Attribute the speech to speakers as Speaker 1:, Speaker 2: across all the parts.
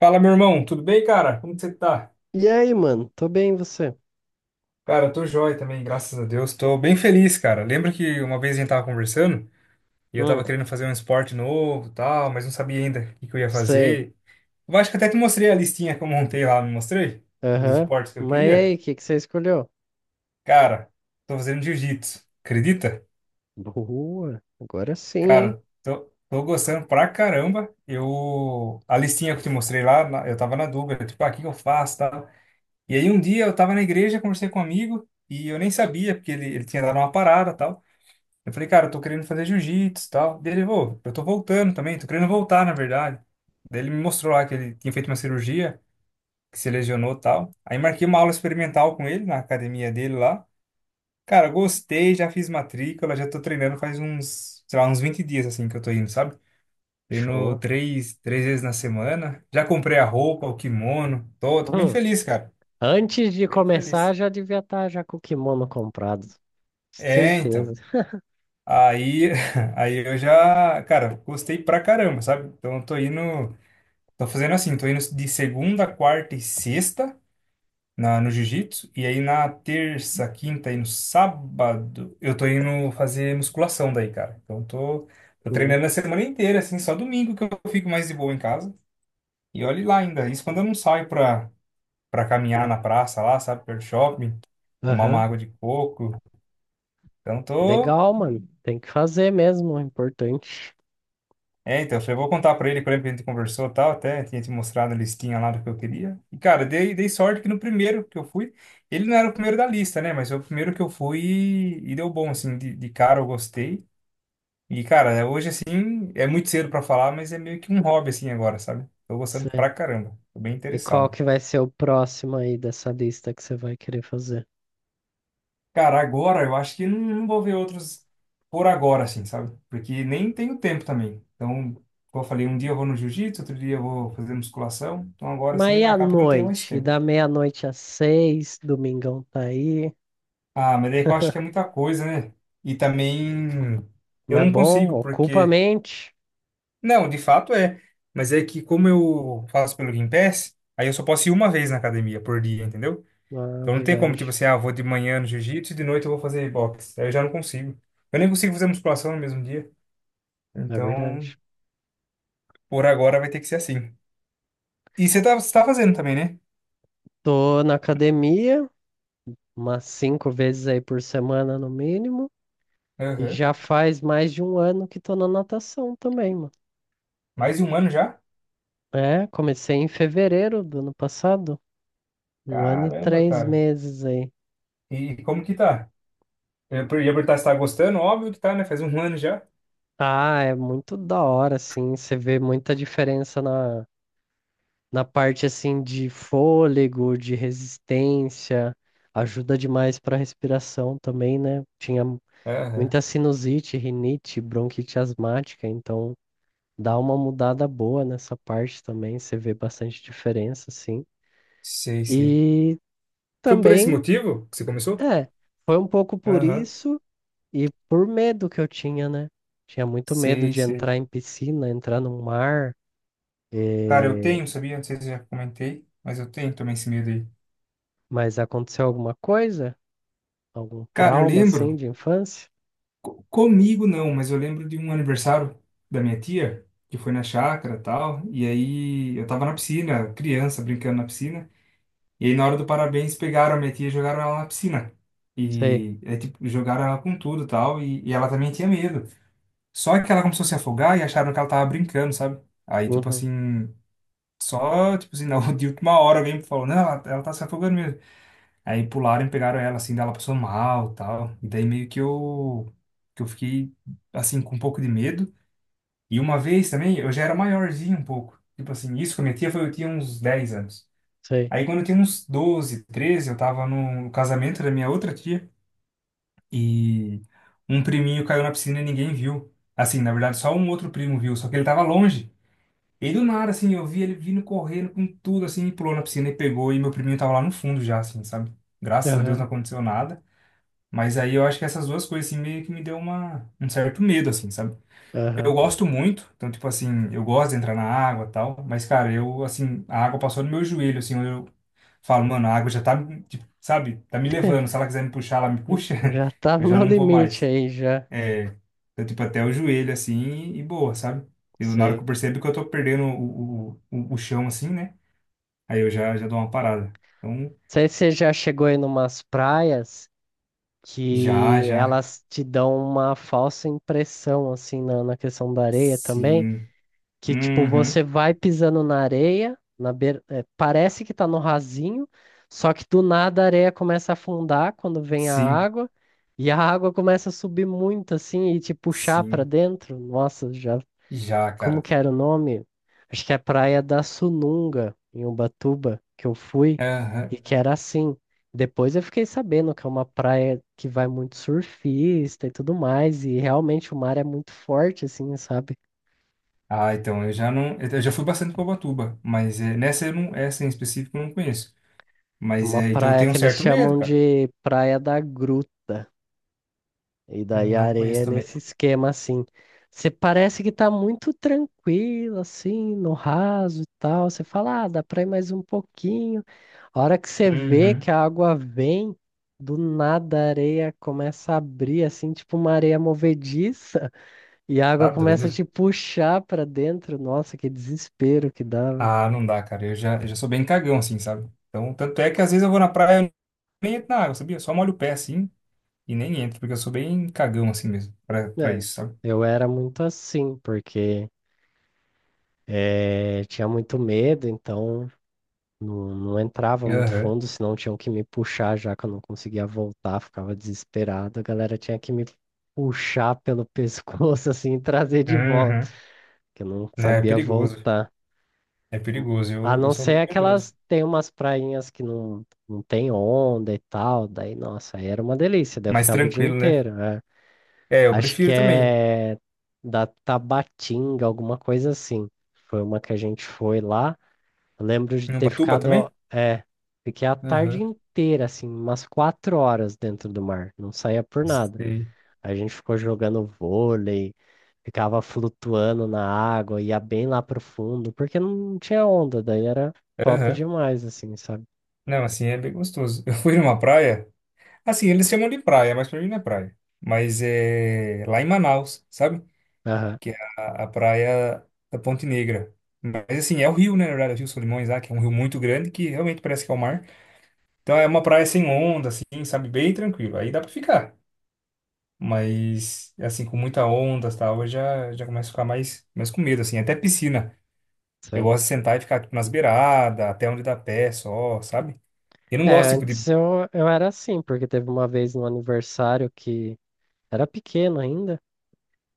Speaker 1: Fala, meu irmão, tudo bem, cara? Como que você tá?
Speaker 2: E aí, mano? Tô bem, e você?
Speaker 1: Cara, eu tô joia também, graças a Deus. Tô bem feliz, cara. Lembra que uma vez a gente tava conversando e eu
Speaker 2: Hum,
Speaker 1: tava querendo fazer um esporte novo, e tal, mas não sabia ainda o que que eu ia
Speaker 2: sei.
Speaker 1: fazer. Eu acho que até te mostrei a listinha que eu montei lá, não mostrei? Dos
Speaker 2: Aham.
Speaker 1: esportes que eu
Speaker 2: Mas e
Speaker 1: queria.
Speaker 2: aí, o que que você escolheu?
Speaker 1: Cara, tô fazendo jiu-jitsu. Acredita?
Speaker 2: Boa. Agora sim, hein?
Speaker 1: Cara, tô gostando pra caramba. Eu a listinha que eu te mostrei lá, eu tava na dúvida, tipo, ah, o que que eu faço, tá? E aí um dia eu tava na igreja, conversei com um amigo e eu nem sabia, porque ele tinha dado uma parada e tal. Eu falei, cara, eu tô querendo fazer jiu-jitsu e tal. Daí ele, "Vô, eu tô voltando também, tô querendo voltar, na verdade. Daí ele me mostrou lá que ele tinha feito uma cirurgia, que se lesionou e tal. Aí marquei uma aula experimental com ele na academia dele lá. Cara, gostei, já fiz matrícula, já tô treinando faz uns, sei lá, uns 20 dias assim que eu tô indo, sabe? Treino
Speaker 2: Show.
Speaker 1: três vezes na semana. Já comprei a roupa, o kimono. Tô bem
Speaker 2: Hum,
Speaker 1: feliz, cara.
Speaker 2: Antes de
Speaker 1: Bem
Speaker 2: começar,
Speaker 1: feliz.
Speaker 2: já devia estar já com o kimono comprado.
Speaker 1: É,
Speaker 2: Certeza.
Speaker 1: então. Aí, aí eu já, cara, gostei pra caramba, sabe? Então eu tô indo, tô fazendo assim, tô indo de segunda, quarta e sexta no jiu-jitsu, e aí na terça, quinta e no sábado eu tô indo fazer musculação daí, cara. Então eu tô, tô
Speaker 2: Boa.
Speaker 1: treinando a semana inteira, assim, só domingo que eu fico mais de boa em casa. E olhe lá ainda, isso quando eu não saio pra, caminhar na praça lá, sabe, perto do shopping, tomar uma
Speaker 2: Aham.
Speaker 1: água de coco. Então tô,
Speaker 2: Legal, mano. Tem que fazer mesmo, é importante.
Speaker 1: É, então, eu falei, vou contar pra ele, que eu lembro que a gente conversou e tal, até tinha te mostrado a listinha lá do que eu queria. E, cara, dei sorte que no primeiro que eu fui, ele não era o primeiro da lista, né? Mas foi o primeiro que eu fui e deu bom, assim, de cara eu gostei. E, cara, é, hoje, assim, é muito cedo pra falar, mas é meio que um hobby, assim, agora, sabe? Tô gostando pra
Speaker 2: Cê-
Speaker 1: caramba, tô bem
Speaker 2: E qual
Speaker 1: interessado.
Speaker 2: que vai ser o próximo aí dessa lista que você vai querer fazer?
Speaker 1: Cara, agora eu acho que não, não vou ver outros por agora, assim, sabe? Porque nem tenho tempo também. Então, como eu falei, um dia eu vou no jiu-jitsu, outro dia eu vou fazer musculação. Então, agora
Speaker 2: Mas e
Speaker 1: assim,
Speaker 2: à
Speaker 1: acaba que eu não tenho mais
Speaker 2: noite? E
Speaker 1: tempo.
Speaker 2: da meia-noite às 6, domingão tá aí.
Speaker 1: Ah, mas daí que eu acho que é muita coisa, né? E também eu
Speaker 2: Mas é
Speaker 1: não
Speaker 2: bom,
Speaker 1: consigo,
Speaker 2: ocupa a
Speaker 1: porque.
Speaker 2: mente.
Speaker 1: Não, de fato é. Mas é que como eu faço pelo Game aí eu só posso ir uma vez na academia por dia, entendeu?
Speaker 2: Ah, é
Speaker 1: Então não tem como, tipo
Speaker 2: verdade,
Speaker 1: assim, ah, eu vou de manhã no jiu-jitsu e de noite eu vou fazer boxe. Aí eu já não consigo. Eu nem consigo fazer musculação no mesmo dia.
Speaker 2: é
Speaker 1: Então,
Speaker 2: verdade.
Speaker 1: por agora vai ter que ser assim. E você tá fazendo também, né?
Speaker 2: Tô na academia, umas 5 vezes aí por semana no mínimo. E
Speaker 1: Aham.
Speaker 2: já faz mais de um ano que tô na natação também, mano.
Speaker 1: Mais um ano já?
Speaker 2: É, comecei em fevereiro do ano passado. Um ano e
Speaker 1: Caramba,
Speaker 2: três
Speaker 1: cara.
Speaker 2: meses aí.
Speaker 1: E como que tá? Eu ia perguntar se tá gostando, óbvio que tá, né? Faz um ano já.
Speaker 2: Ah, é muito da hora, assim. Você vê muita diferença na parte, assim, de fôlego, de resistência. Ajuda demais pra respiração também, né? Tinha
Speaker 1: Aham.
Speaker 2: muita sinusite, rinite, bronquite asmática, então dá uma mudada boa nessa parte também, você vê bastante diferença, assim.
Speaker 1: Sei, sei.
Speaker 2: E
Speaker 1: Foi por esse
Speaker 2: também,
Speaker 1: motivo que você começou?
Speaker 2: é, foi um pouco por
Speaker 1: Aham.
Speaker 2: isso e por medo que eu tinha, né? Tinha muito medo
Speaker 1: Sei,
Speaker 2: de
Speaker 1: sei.
Speaker 2: entrar em piscina, entrar no mar,
Speaker 1: Cara, eu
Speaker 2: eh,
Speaker 1: tenho, sabia? Não sei se eu já comentei, mas eu tenho também esse medo aí.
Speaker 2: mas aconteceu alguma coisa? Algum
Speaker 1: Cara, eu
Speaker 2: trauma, assim,
Speaker 1: lembro,
Speaker 2: de infância?
Speaker 1: comigo não, mas eu lembro de um aniversário da minha tia, que foi na chácara e tal, e aí eu tava na piscina, criança, brincando na piscina. E aí, na hora do parabéns, pegaram a minha tia e jogaram ela na piscina.
Speaker 2: Sei,
Speaker 1: E, é, tipo, jogaram ela com tudo e tal. E ela também tinha medo. Só que ela começou a se afogar e acharam que ela tava brincando, sabe? Aí, tipo
Speaker 2: uhum,
Speaker 1: assim, só, tipo assim, na, de última hora alguém falou: Não, ela tá se afogando mesmo. Aí pularam e pegaram ela, assim, daí ela passou mal e tal. E daí meio que eu fiquei, assim, com um pouco de medo. E uma vez também, eu já era maiorzinho um pouco. Tipo assim, isso com a minha tia foi, eu tinha uns 10 anos.
Speaker 2: sei,
Speaker 1: Aí quando eu tinha uns 12, 13, eu tava no casamento da minha outra tia e um priminho caiu na piscina e ninguém viu. Assim, na verdade, só um outro primo viu, só que ele tava longe. E do nada, assim, eu vi ele vindo correndo com tudo, assim, e pulou na piscina e pegou, e meu priminho tava lá no fundo já, assim, sabe? Graças a Deus não
Speaker 2: aham,
Speaker 1: aconteceu nada. Mas aí eu acho que essas duas coisas, assim, meio que me deu uma, um certo medo, assim, sabe? Eu
Speaker 2: aham.
Speaker 1: gosto muito, então, tipo assim, eu gosto de entrar na água e tal, mas, cara, eu, assim, a água passou no meu joelho, assim, Falo, mano, a água já tá, tipo, sabe, tá me levando. Se ela quiser me puxar, ela me puxa,
Speaker 2: Já tá
Speaker 1: eu
Speaker 2: no
Speaker 1: já
Speaker 2: meu
Speaker 1: não vou
Speaker 2: limite
Speaker 1: mais.
Speaker 2: aí, já,
Speaker 1: Eu, tipo, até o joelho, assim, e, boa, sabe? Eu, na hora que
Speaker 2: sei.
Speaker 1: eu percebo que eu tô perdendo o chão, assim, né? Aí eu já, já dou uma parada. Então,
Speaker 2: Sei se você já chegou aí numas praias
Speaker 1: já,
Speaker 2: que
Speaker 1: já.
Speaker 2: elas te dão uma falsa impressão, assim, na questão da areia também,
Speaker 1: Sim.
Speaker 2: que tipo,
Speaker 1: Uhum.
Speaker 2: você vai pisando na areia, na beira, é, parece que tá no rasinho, só que do nada a areia começa a afundar quando vem a
Speaker 1: Sim,
Speaker 2: água, e a água começa a subir muito, assim, e te puxar pra
Speaker 1: sim.
Speaker 2: dentro. Nossa, já
Speaker 1: Já,
Speaker 2: como
Speaker 1: cara.
Speaker 2: que era o nome? Acho que é a Praia da Sununga, em Ubatuba, que eu fui, e
Speaker 1: Aham.
Speaker 2: que era assim. Depois eu fiquei sabendo que é uma praia que vai muito surfista e tudo mais, e realmente o mar é muito forte, assim, sabe?
Speaker 1: Ah, então, eu já não. Eu já fui bastante pra Ubatuba, mas é, nessa eu não, essa em específico eu não conheço.
Speaker 2: É
Speaker 1: Mas
Speaker 2: uma
Speaker 1: é, então eu
Speaker 2: praia
Speaker 1: tenho um
Speaker 2: que eles
Speaker 1: certo medo,
Speaker 2: chamam
Speaker 1: cara.
Speaker 2: de Praia da Grua. E daí a
Speaker 1: Não
Speaker 2: areia
Speaker 1: conheço
Speaker 2: é
Speaker 1: também.
Speaker 2: nesse esquema assim. Você parece que tá muito tranquilo, assim, no raso e tal. Você fala, ah, dá pra ir mais um pouquinho. A hora que você vê que
Speaker 1: Uhum.
Speaker 2: a água vem, do nada a areia começa a abrir, assim, tipo uma areia movediça, e a água
Speaker 1: Tá
Speaker 2: começa a
Speaker 1: doido?
Speaker 2: te puxar pra dentro. Nossa, que desespero que dava.
Speaker 1: Ah, não dá, cara. Eu já sou bem cagão, assim, sabe? Então, tanto é que às vezes eu vou na praia e nem entro na água, sabia? Eu só molho o pé, assim, e nem entro, porque eu sou bem cagão, assim mesmo, pra,
Speaker 2: É,
Speaker 1: isso, sabe?
Speaker 2: eu era muito assim, porque tinha muito medo, então. Não, não entrava muito
Speaker 1: Aham.
Speaker 2: fundo, senão tinham que me puxar já que eu não conseguia voltar, ficava desesperado. A galera tinha que me puxar pelo pescoço assim e trazer de volta,
Speaker 1: Uhum.
Speaker 2: que eu não
Speaker 1: Né, é
Speaker 2: sabia
Speaker 1: perigoso.
Speaker 2: voltar.
Speaker 1: É perigoso.
Speaker 2: A
Speaker 1: Eu
Speaker 2: não
Speaker 1: sou
Speaker 2: ser
Speaker 1: bem medroso.
Speaker 2: aquelas, tem umas prainhas que não, não tem onda e tal, daí nossa, aí era uma delícia, daí eu
Speaker 1: Mais
Speaker 2: ficava o dia
Speaker 1: tranquilo, né?
Speaker 2: inteiro, né?
Speaker 1: É, eu
Speaker 2: Acho que
Speaker 1: prefiro também.
Speaker 2: é da Tabatinga, alguma coisa assim. Foi uma que a gente foi lá. Eu lembro de
Speaker 1: Em
Speaker 2: ter
Speaker 1: Ubatuba também?
Speaker 2: ficado, é, fiquei a tarde
Speaker 1: Aham.
Speaker 2: inteira, assim, umas 4 horas dentro do mar, não saía por nada.
Speaker 1: Sei.
Speaker 2: A gente ficou jogando vôlei, ficava flutuando na água, ia bem lá pro fundo, porque não tinha onda, daí era top
Speaker 1: Aham.
Speaker 2: demais, assim, sabe?
Speaker 1: Não, assim, é bem gostoso. Eu fui numa praia. Assim, eles chamam de praia, mas pra mim não é praia. Mas é lá em Manaus, sabe?
Speaker 2: Aham,
Speaker 1: Que é a praia da Ponte Negra. Mas assim, é o rio, né? Na verdade, é o Rio Solimões lá, que é um rio muito grande que realmente parece que é o mar. Então é uma praia sem onda, assim, sabe? Bem tranquilo. Aí dá pra ficar. Mas, assim, com muita onda e tal, eu já, já começo a ficar mais com medo, assim. Até piscina. Eu
Speaker 2: sim.
Speaker 1: gosto de sentar e ficar, tipo, nas beiradas, até onde dá pé só, sabe? Eu não
Speaker 2: É,
Speaker 1: gosto, tipo, de...
Speaker 2: antes eu, era assim, porque teve uma vez no aniversário que era pequeno ainda,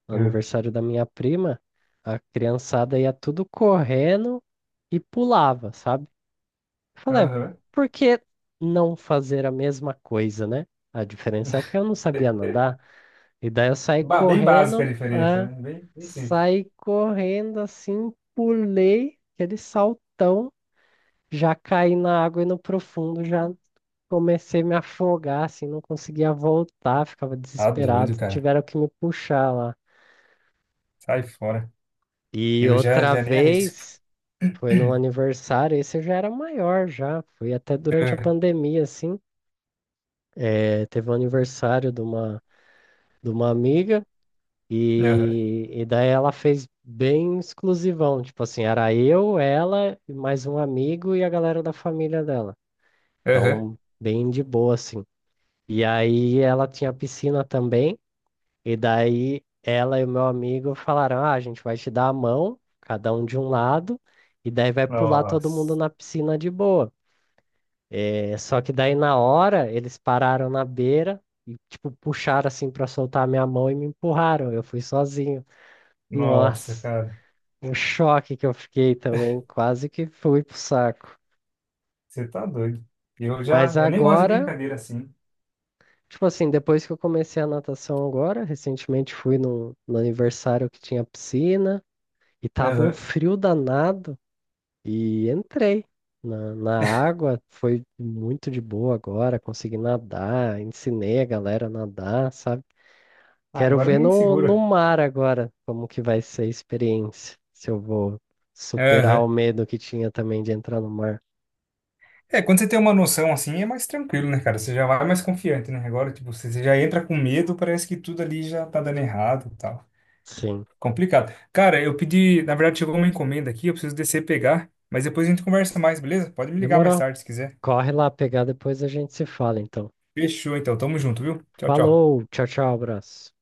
Speaker 2: no
Speaker 1: É.
Speaker 2: aniversário da minha prima, a criançada ia tudo correndo e pulava, sabe? Eu falei, "É,
Speaker 1: Aham.
Speaker 2: por que não fazer a mesma coisa, né? A diferença é que eu não sabia nadar, e daí eu saí
Speaker 1: Bem básica a
Speaker 2: correndo,
Speaker 1: diferença, né? Bem, bem simples.
Speaker 2: saí correndo assim, pulei aquele saltão, já caí na água e no profundo, já comecei a me afogar, assim, não conseguia voltar, ficava
Speaker 1: Tá doido,
Speaker 2: desesperado,
Speaker 1: cara.
Speaker 2: tiveram que me puxar lá.
Speaker 1: Sai fora.
Speaker 2: E
Speaker 1: Eu já,
Speaker 2: outra
Speaker 1: já nem arrisco.
Speaker 2: vez, foi num aniversário, esse eu já era maior já, foi até durante a
Speaker 1: É.
Speaker 2: pandemia, assim. É, teve o aniversário de uma, amiga
Speaker 1: Aham.
Speaker 2: e daí ela fez bem exclusivão. Tipo assim, era eu, ela, e mais um amigo e a galera da família dela.
Speaker 1: Aham.
Speaker 2: Então, bem de boa, assim. E aí ela tinha piscina também. E daí ela e o meu amigo falaram: Ah, a gente vai te dar a mão, cada um de um lado, e daí vai pular todo mundo
Speaker 1: Nossa,
Speaker 2: na piscina de boa. É só que daí na hora eles pararam na beira e tipo puxaram assim pra soltar a minha mão e me empurraram. Eu fui sozinho.
Speaker 1: nossa,
Speaker 2: Nossa,
Speaker 1: cara,
Speaker 2: um choque que eu fiquei também, quase que fui pro saco.
Speaker 1: você tá doido. Eu já,
Speaker 2: Mas
Speaker 1: eu nem gosto de
Speaker 2: agora,
Speaker 1: brincadeira assim.
Speaker 2: tipo assim, depois que eu comecei a natação agora, recentemente fui no aniversário que tinha piscina e tava um
Speaker 1: Aham.
Speaker 2: frio danado e entrei. Na água foi muito de boa agora, consegui nadar, ensinei a galera a nadar, sabe? Quero
Speaker 1: Agora
Speaker 2: ver
Speaker 1: ninguém
Speaker 2: no
Speaker 1: segura.
Speaker 2: mar agora como que vai ser a experiência. Se eu vou superar
Speaker 1: Aham.
Speaker 2: o medo que tinha também de entrar no mar.
Speaker 1: É, quando você tem uma noção assim, é mais tranquilo, né, cara? Você já vai mais confiante, né? Agora, tipo, você já entra com medo, parece que tudo ali já tá dando errado e tal.
Speaker 2: Sim.
Speaker 1: Complicado. Cara, eu pedi, na verdade, chegou uma encomenda aqui, eu preciso descer e pegar, mas depois a gente conversa mais, beleza? Pode me ligar mais
Speaker 2: Demorou.
Speaker 1: tarde se quiser.
Speaker 2: Corre lá pegar, depois a gente se fala, então.
Speaker 1: Fechou, então. Tamo junto, viu? Tchau, tchau.
Speaker 2: Falou, tchau, tchau, abraço.